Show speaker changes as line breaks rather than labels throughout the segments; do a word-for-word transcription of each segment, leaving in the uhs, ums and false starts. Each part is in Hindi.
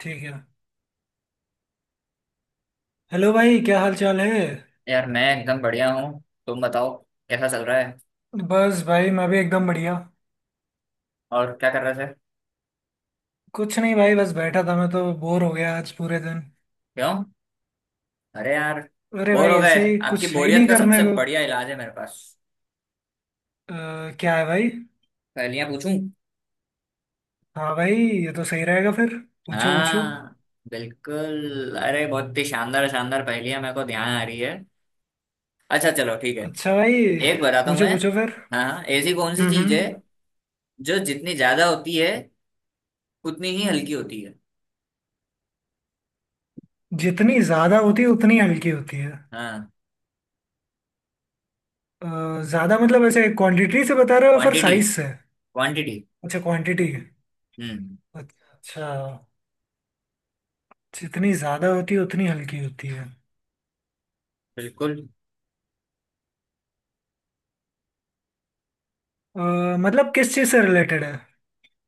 ठीक है। हेलो भाई, क्या हाल चाल है।
यार मैं एकदम बढ़िया हूँ। तुम बताओ। कैसा चल रहा है?
बस भाई, मैं भी एकदम बढ़िया।
और क्या कर रहे थे?
कुछ नहीं भाई, बस बैठा था, मैं तो बोर हो गया आज पूरे दिन।
क्यों? अरे यार।
अरे
बोर
भाई
हो गए?
ऐसे ही,
आपकी
कुछ है ही
बोरियत
नहीं
का
करने
सबसे
को।
बढ़िया इलाज है मेरे पास।
अ, क्या है भाई।
पहेलियां पूछूं?
हाँ भाई, ये तो सही रहेगा फिर। पूछो पूछो।
हाँ बिल्कुल। अरे बहुत ही शानदार शानदार पहेलियां मेरे को ध्यान आ रही है। अच्छा चलो ठीक है।
अच्छा भाई।
एक बताता हूँ
पूछो
मैं।
पूछो फिर।
हाँ हाँ, ऐसी कौन सी
हम्म
चीज है
हम्म।
जो जितनी ज्यादा होती है उतनी ही हल्की होती है।
जितनी ज्यादा होती है उतनी हल्की होती है।
हाँ।
अ, ज्यादा मतलब ऐसे क्वांटिटी से बता रहे हो या फिर
क्वांटिटी
साइज से।
क्वांटिटी।
अच्छा क्वांटिटी।
हम्म।
अच्छा। जितनी ज्यादा होती है उतनी हल्की होती है।
बिल्कुल।
अ, मतलब किस चीज से रिलेटेड है।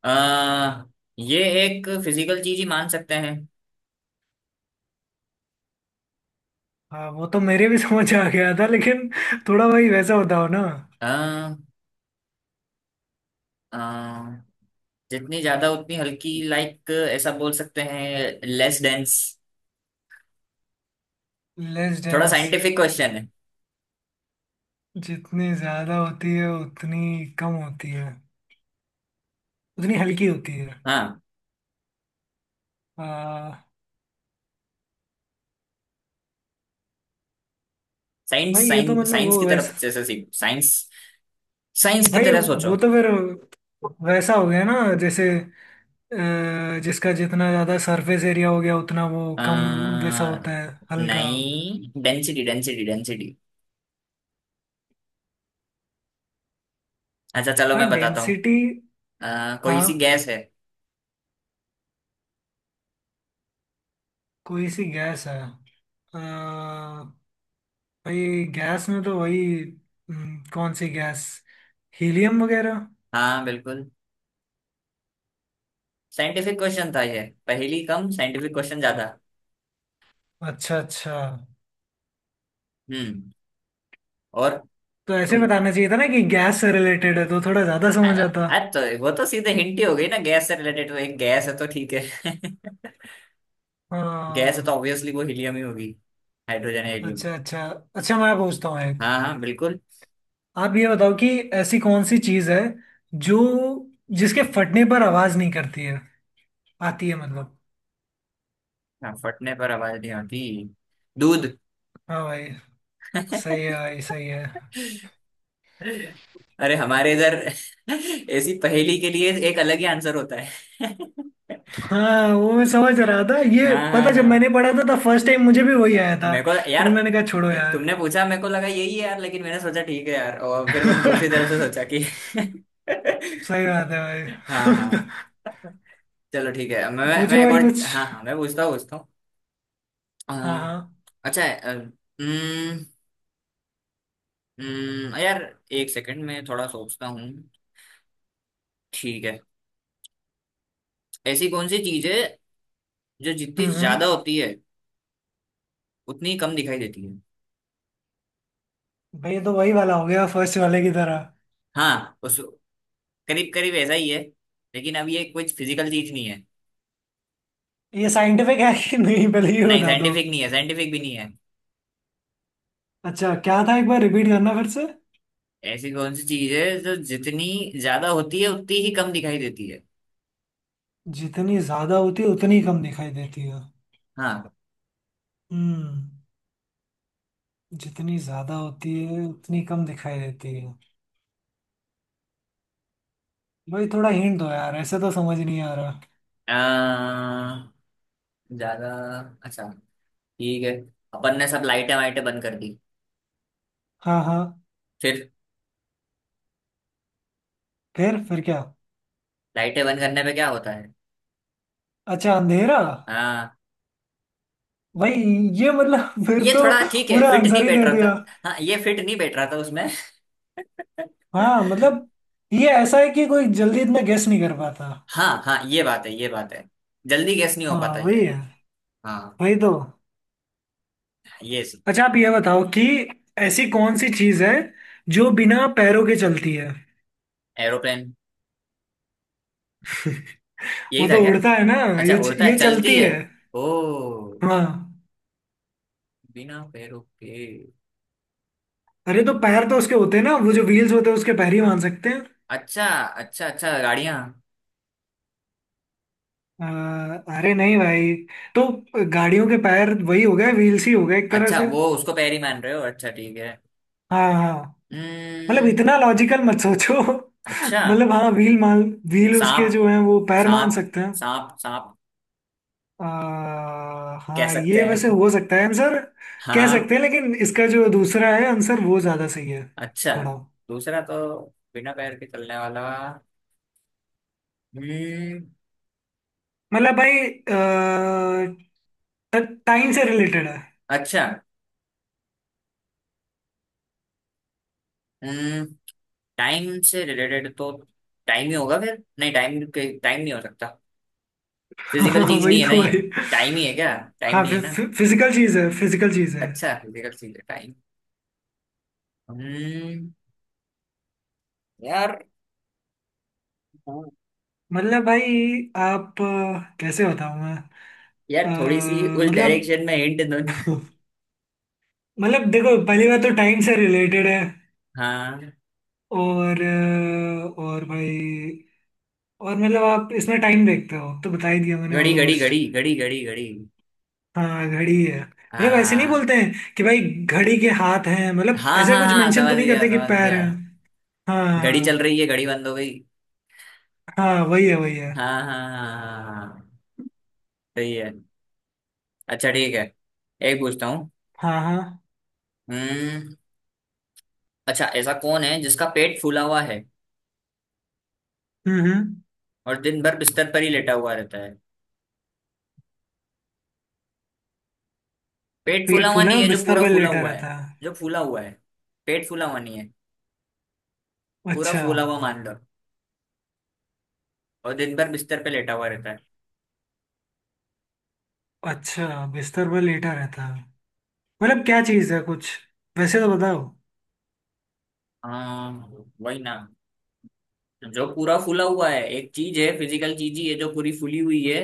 आ, ये एक फिजिकल चीज ही मान सकते हैं।
हाँ, वो तो मेरे भी समझ आ गया था, लेकिन थोड़ा भाई वैसा बताओ ना।
अ, अ, जितनी ज्यादा उतनी हल्की लाइक ऐसा बोल सकते हैं लेस डेंस।
लेस
थोड़ा
डेंस।
साइंटिफिक क्वेश्चन है।
जितनी ज्यादा होती है उतनी कम होती है, उतनी हल्की होती है।
हाँ।
अ, भाई
साइंस
ये तो
साइंस
मतलब
साइंस
वो
की तरफ
वैसा।
जैसे सीख साइंस। साइंस की
भाई
तरह सोचो।
वो तो फिर वैसा हो गया ना, जैसे अ, जिसका जितना ज्यादा सरफेस एरिया हो गया उतना वो कम
आ,
वैसा होता है हल्का।
नहीं डेंसिटी डेंसिटी डेंसिटी। अच्छा चलो
हाँ
मैं बताता हूँ।
डेंसिटी।
अ, कोई सी
हाँ।
गैस है।
कोई सी गैस है। अ, भाई गैस में तो वही। हम्म, कौन सी गैस। हीलियम वगैरह।
हाँ बिल्कुल। साइंटिफिक क्वेश्चन था ये पहेली कम साइंटिफिक क्वेश्चन ज्यादा।
अच्छा अच्छा।
हम्म। और।
तो ऐसे
तुम।
बताना चाहिए था ना कि गैस से रिलेटेड है, तो थोड़ा ज्यादा समझ
अरे।
आता।
अरे तो वो तो सीधे हिंट ही हो गई ना गैस से रिलेटेड वो एक गैस है तो ठीक है। गैस है तो
हाँ।
ऑब्वियसली वो हीलियम ही होगी। हाइड्रोजन या हीलियम।
अच्छा अच्छा। अच्छा मैं पूछता हूँ एक।
हाँ हाँ बिल्कुल।
आप ये बताओ कि ऐसी कौन सी चीज है जो जिसके फटने पर आवाज नहीं करती है, आती है मतलब।
हाँ, फटने पर आवाज नहीं आती। दूध।
हाँ भाई। सही है भाई, सही है।
अरे हमारे इधर ऐसी पहेली के लिए एक अलग ही आंसर होता है।
हाँ, वो मैं समझ रहा था, ये
हाँ
पता
हाँ
जब मैंने
हाँ।
पढ़ा था तब फर्स्ट टाइम मुझे भी वही आया था,
मेरे को
लेकिन
यार।
मैंने कहा छोड़ो यार।
तुमने पूछा मेरे को लगा यही है यार लेकिन मैंने सोचा ठीक है यार और फिर मैंने दूसरी तरफ से सोचा कि।
सही बात है
हाँ
भाई
हाँ। चलो ठीक है मैं मैं मैं
पूछो
एक
भाई
और।
कुछ।
हाँ हाँ मैं पूछता हूँ पूछता हूँ। अ,
हाँ हाँ।
अच्छा है अ, हम्म, हम्म, यार। एक सेकंड मैं थोड़ा सोचता हूँ। ठीक है। ऐसी कौन सी चीज है जो जितनी
हम्म
ज्यादा
हम्म।
होती है उतनी ही कम दिखाई देती है।
भाई ये तो वही वाला हो गया, फर्स्ट वाले की तरह।
हाँ उस करीब करीब ऐसा ही है। लेकिन अब ये कुछ फिजिकल चीज नहीं है।
ये साइंटिफिक है कि नहीं पहले ये
नहीं
बता दो।
साइंटिफिक नहीं है साइंटिफिक भी नहीं है।
अच्छा, क्या था एक बार रिपीट करना फिर से।
ऐसी कौन सी चीज है जो जितनी ज्यादा होती है उतनी ही कम दिखाई देती है।
जितनी ज्यादा होती है उतनी कम दिखाई देती है।
हाँ।
हम्म। जितनी ज्यादा होती है उतनी कम दिखाई देती है। भाई थोड़ा हिंट दो यार, ऐसे तो समझ नहीं आ रहा।
अ, ज्यादा। अच्छा ठीक है। अपन ने सब लाइटें वाइटें बंद कर दी।
हाँ हाँ।
फिर।
फिर फिर क्या।
लाइटें बंद करने पे क्या होता है?
अच्छा, अंधेरा।
हाँ
भाई ये मतलब फिर
ये
तो
थोड़ा ठीक है
पूरा
फिट
आंसर
नहीं
ही
बैठ
दे
रहा
दिया।
था हाँ ये फिट नहीं बैठ रहा था उसमें
हाँ मतलब, ये ऐसा है कि कोई जल्दी इतना गेस नहीं कर पाता।
हाँ हाँ ये बात है ये बात है। जल्दी गैस नहीं हो
हाँ
पाता ये।
वही है।
हाँ।
वही तो।
ये
अच्छा आप ये बताओ कि ऐसी कौन सी चीज है जो बिना पैरों के चलती है
एरोप्लेन।
वो
यही था
तो
क्या?
उड़ता है ना।
अच्छा
ये
उड़ता है
ये
चलती
चलती
है।
है।
ओ।
हाँ।
बिना पैरों के।
अरे तो
हम्म,
पैर तो उसके होते हैं ना, वो जो व्हील्स होते हैं उसके पैर ही मान सकते हैं।
अच्छा अच्छा अच्छा गाड़ियाँ।
अ, अरे नहीं भाई। तो गाड़ियों के पैर वही हो गए, व्हील्स ही हो गए एक तरह
अच्छा
से।
वो उसको पैर ही मान रहे हो अच्छा ठीक है।
हाँ हाँ। मतलब
हम्म।
इतना लॉजिकल मत सोचो
अच्छा।
मतलब हाँ व्हील मान, व्हील उसके
सांप
जो है वो पैर मान
सांप
सकते हैं।
सांप सांप।
आ,
कह
हाँ
सकते
ये वैसे
हैं।
हो सकता है आंसर। कह
हाँ।
सकते हैं, लेकिन इसका जो दूसरा है आंसर वो ज्यादा सही है।
अच्छा।
थोड़ा
दूसरा तो। बिना पैर के चलने वाला। हम्म।
मतलब भाई, टाइम से रिलेटेड है।
अच्छा। हम्म। टाइम से रिलेटेड तो। टाइम ही होगा फिर नहीं टाइम के टाइम नहीं हो सकता। फिजिकल
हाँ,
चीज
वही
नहीं है ना
तो
ये?
भाई।
टाइम ही है क्या? टाइम
हाँ
नहीं है
फि,
ना?
फि, फिजिकल चीज है, फिजिकल चीज है।
अच्छा फिजिकल चीज है टाइम। हम्म। यार। हाँ,
मतलब भाई, आप अ, कैसे बताऊं मैं।
यार थोड़ी सी
अ,
उस
मतलब
डायरेक्शन में हिंट दो ना।
मतलब देखो पहली बात तो टाइम से रिलेटेड है,
हाँ।
और अ, और भाई, और मतलब आप इसमें टाइम देखते हो तो बता ही दिया मैंने
घड़ी घड़ी
ऑलमोस्ट।
घड़ी घड़ी घड़ी घड़ी।
हाँ घड़ी है, मतलब ऐसे नहीं
हाँ
बोलते हैं कि भाई घड़ी के हाथ हैं, मतलब
हाँ
ऐसा
हाँ
कुछ
हाँ
मेंशन तो
समझ
नहीं
गया
करते कि
समझ
पैर
गया।
हैं।
घड़ी चल
हाँ
रही है घड़ी बंद हो गई।
हाँ। वही है वही है।
हाँ हाँ हाँ हाँ हाँ, हाँ, हाँ। सही है। अच्छा ठीक है। एक पूछता हूँ।
हाँ हाँ।
हम्म। अच्छा ऐसा कौन है जिसका पेट फूला हुआ है
हम्म हम्म।
और दिन भर बिस्तर पर ही लेटा हुआ रहता है। पेट फूला
पेट
हुआ
फूला
नहीं
है,
है जो
बिस्तर
पूरा
पर
फूला
लेटा
हुआ है।
रहता है।
जो फूला हुआ है। पेट फूला हुआ नहीं है। पूरा
अच्छा।
फूला हुआ मान लो। और दिन भर बिस्तर पे लेटा हुआ रहता है।
अच्छा बिस्तर पर लेटा रहता है, मतलब क्या चीज़ है कुछ, वैसे तो बताओ।
हाँ वही ना। जो पूरा फूला हुआ है एक चीज है फिजिकल चीज ही है जो पूरी फूली हुई है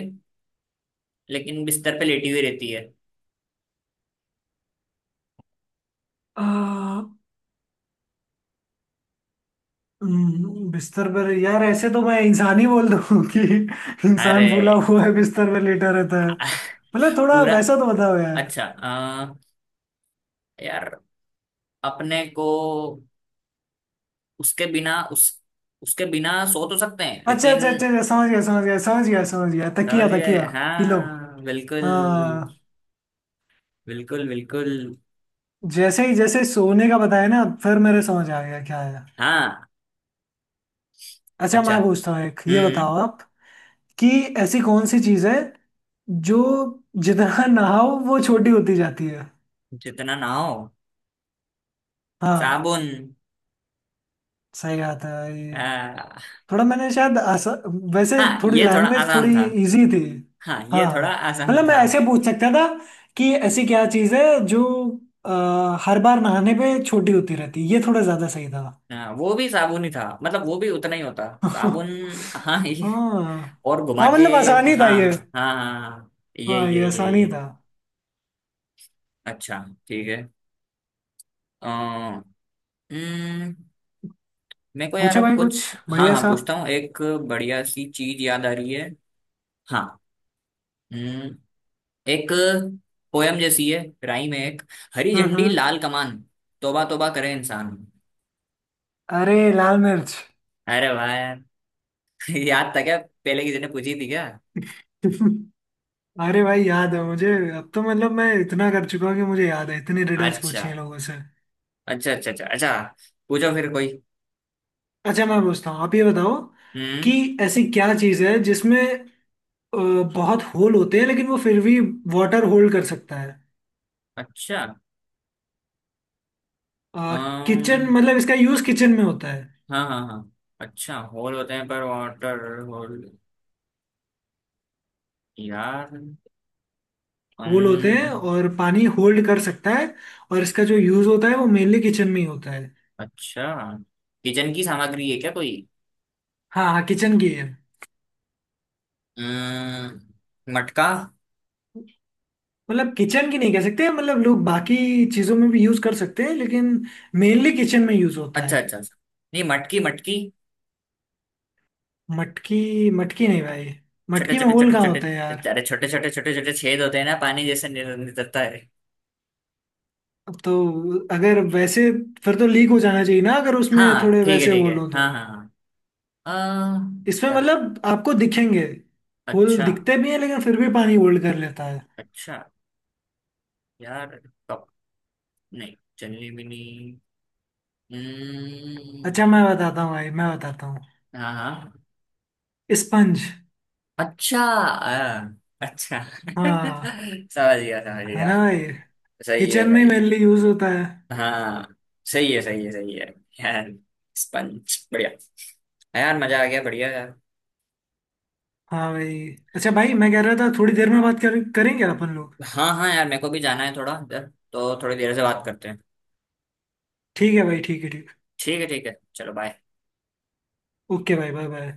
लेकिन बिस्तर पे लेटी हुई रहती है।
आ, हम्म, बिस्तर पर यार, ऐसे तो मैं इंसान ही बोल दूं कि
अरे
इंसान फूला हुआ है बिस्तर पर लेटा रहता है, मतलब थोड़ा
पूरा
वैसा तो बताओ यार।
अच्छा अ, यार अपने को उसके बिना उस उसके बिना सो तो सकते हैं
अच्छा
लेकिन।
अच्छा अच्छा अच्छा, समझ गया समझ गया समझ गया समझ गया,
समझ
तकिया
गए
तकिया। पिलो।
हाँ बिल्कुल
हाँ।
बिल्कुल बिल्कुल।
जैसे ही जैसे सोने का बताया ना, फिर मेरे समझ आ गया क्या है।
हाँ
अच्छा
अच्छा
मैं पूछता हूँ एक ये
हम्म हम्म,
बताओ आप कि ऐसी कौन सी चीज है जो जितना नहाओ वो छोटी होती जाती है।
जितना ना हो।
हाँ।
साबुन।
सही बात है, ये
हाँ
थोड़ा मैंने शायद आसा, वैसे
हाँ
थोड़ी
ये थोड़ा
लैंग्वेज
आसान
थोड़ी
था।
इजी थी।
हाँ
हाँ
ये थोड़ा
हाँ।
आसान
मतलब मैं
था।
ऐसे पूछ सकता था कि ऐसी क्या चीज़ है जो अ, हर बार नहाने पे छोटी होती रहती है, ये थोड़ा ज़्यादा सही था।
हाँ वो भी साबुन ही था मतलब वो भी उतना ही होता साबुन।
हाँ।
हाँ ये और घुमा
हाँ
के।
मतलब आसानी था
हाँ
ये।
हाँ हाँ हाँ, ये
हाँ ये
ये ये
आसानी
ये
था।
अच्छा ठीक है। अ, हम्म, मेरे को यार
पूछो
अब
भाई
कुछ
कुछ
हाँ
बढ़िया
हाँ
सा।
पूछता हूँ एक। बढ़िया सी चीज याद आ रही है। हाँ। हम्म, एक पोयम जैसी है। राइम है एक। हरी
हम्म
झंडी
हम्म।
लाल कमान। तौबा तौबा करे इंसान।
अरे लाल मिर्च।
अरे वाह यार। याद था क्या पहले किसी ने पूछी थी क्या?
अरे भाई, याद है मुझे, अब तो मतलब मैं इतना कर चुका हूँ कि मुझे याद है, इतनी रिडल्स पूछी हैं
अच्छा
लोगों से।
अच्छा अच्छा अच्छा अच्छा। पूछो फिर कोई।
अच्छा मैं पूछता हूँ, आप ये बताओ कि
हम्म।
ऐसी क्या चीज़ है जिसमें अ, बहुत होल होते हैं, लेकिन वो फिर भी वाटर होल्ड कर सकता है।
अच्छा।
अ,
अम्म,
किचन, मतलब इसका यूज़ किचन में होता है।
हाँ हाँ हाँ। अच्छा होल होते हैं पर वाटर होल। यार।
होल होते हैं
अम्म,
और पानी होल्ड कर सकता है, और इसका जो यूज़ होता है वो मेनली किचन में ही होता है।
अच्छा किचन की सामग्री है क्या कोई?
हाँ हाँ किचन की है।
अम्म, मटका।
मतलब किचन की नहीं कह सकते, मतलब लोग बाकी चीज़ों में भी यूज़ कर सकते हैं, लेकिन मेनली किचन में यूज़ होता है।
अच्छा अच्छा अच्छा। नहीं मटकी मटकी।
मटकी मटकी नहीं भाई,
छोटे
मटकी में
छोटे
होल
छोटे
कहाँ
छोटे
होता है यार।
अरे छोटे छोटे छोटे छोटे छेद होते हैं ना पानी जैसे नि- निकलता है।
अब तो अगर वैसे, फिर तो लीक हो जाना चाहिए ना, अगर उसमें
हाँ
थोड़े
ठीक है
वैसे
ठीक है
होल हो तो।
हाँ हाँ हाँ।
इसमें
अ, यार,
मतलब आपको दिखेंगे होल,
अच्छा
दिखते भी हैं लेकिन फिर भी पानी होल्ड कर लेता है।
अच्छा यार कप। नहीं चलनी भी नहीं। हम्म,
अच्छा मैं बताता हूँ भाई, मैं बताता हूँ
हाँ हाँ।
स्पंज।
अच्छा अ, अच्छा
हाँ।
समझ गया समझ
है
गया।
ना भाई।
सही है
किचन में
सही
मेनली
है।
यूज होता है।
हाँ सही है सही है सही है। यार। स्पंज बढ़िया। हाँ यार मजा आ गया बढ़िया यार।
हाँ भाई। अच्छा भाई, मैं कह रहा था थोड़ी देर में बात कर, करेंगे अपन लोग।
हाँ हाँ यार मेरे को भी जाना है थोड़ा इधर। तो थोड़ी देर से बात करते हैं।
ठीक है भाई, ठीक है, ठीक।
ठीक है ठीक है चलो बाय।
ओके भाई, बाय बाय।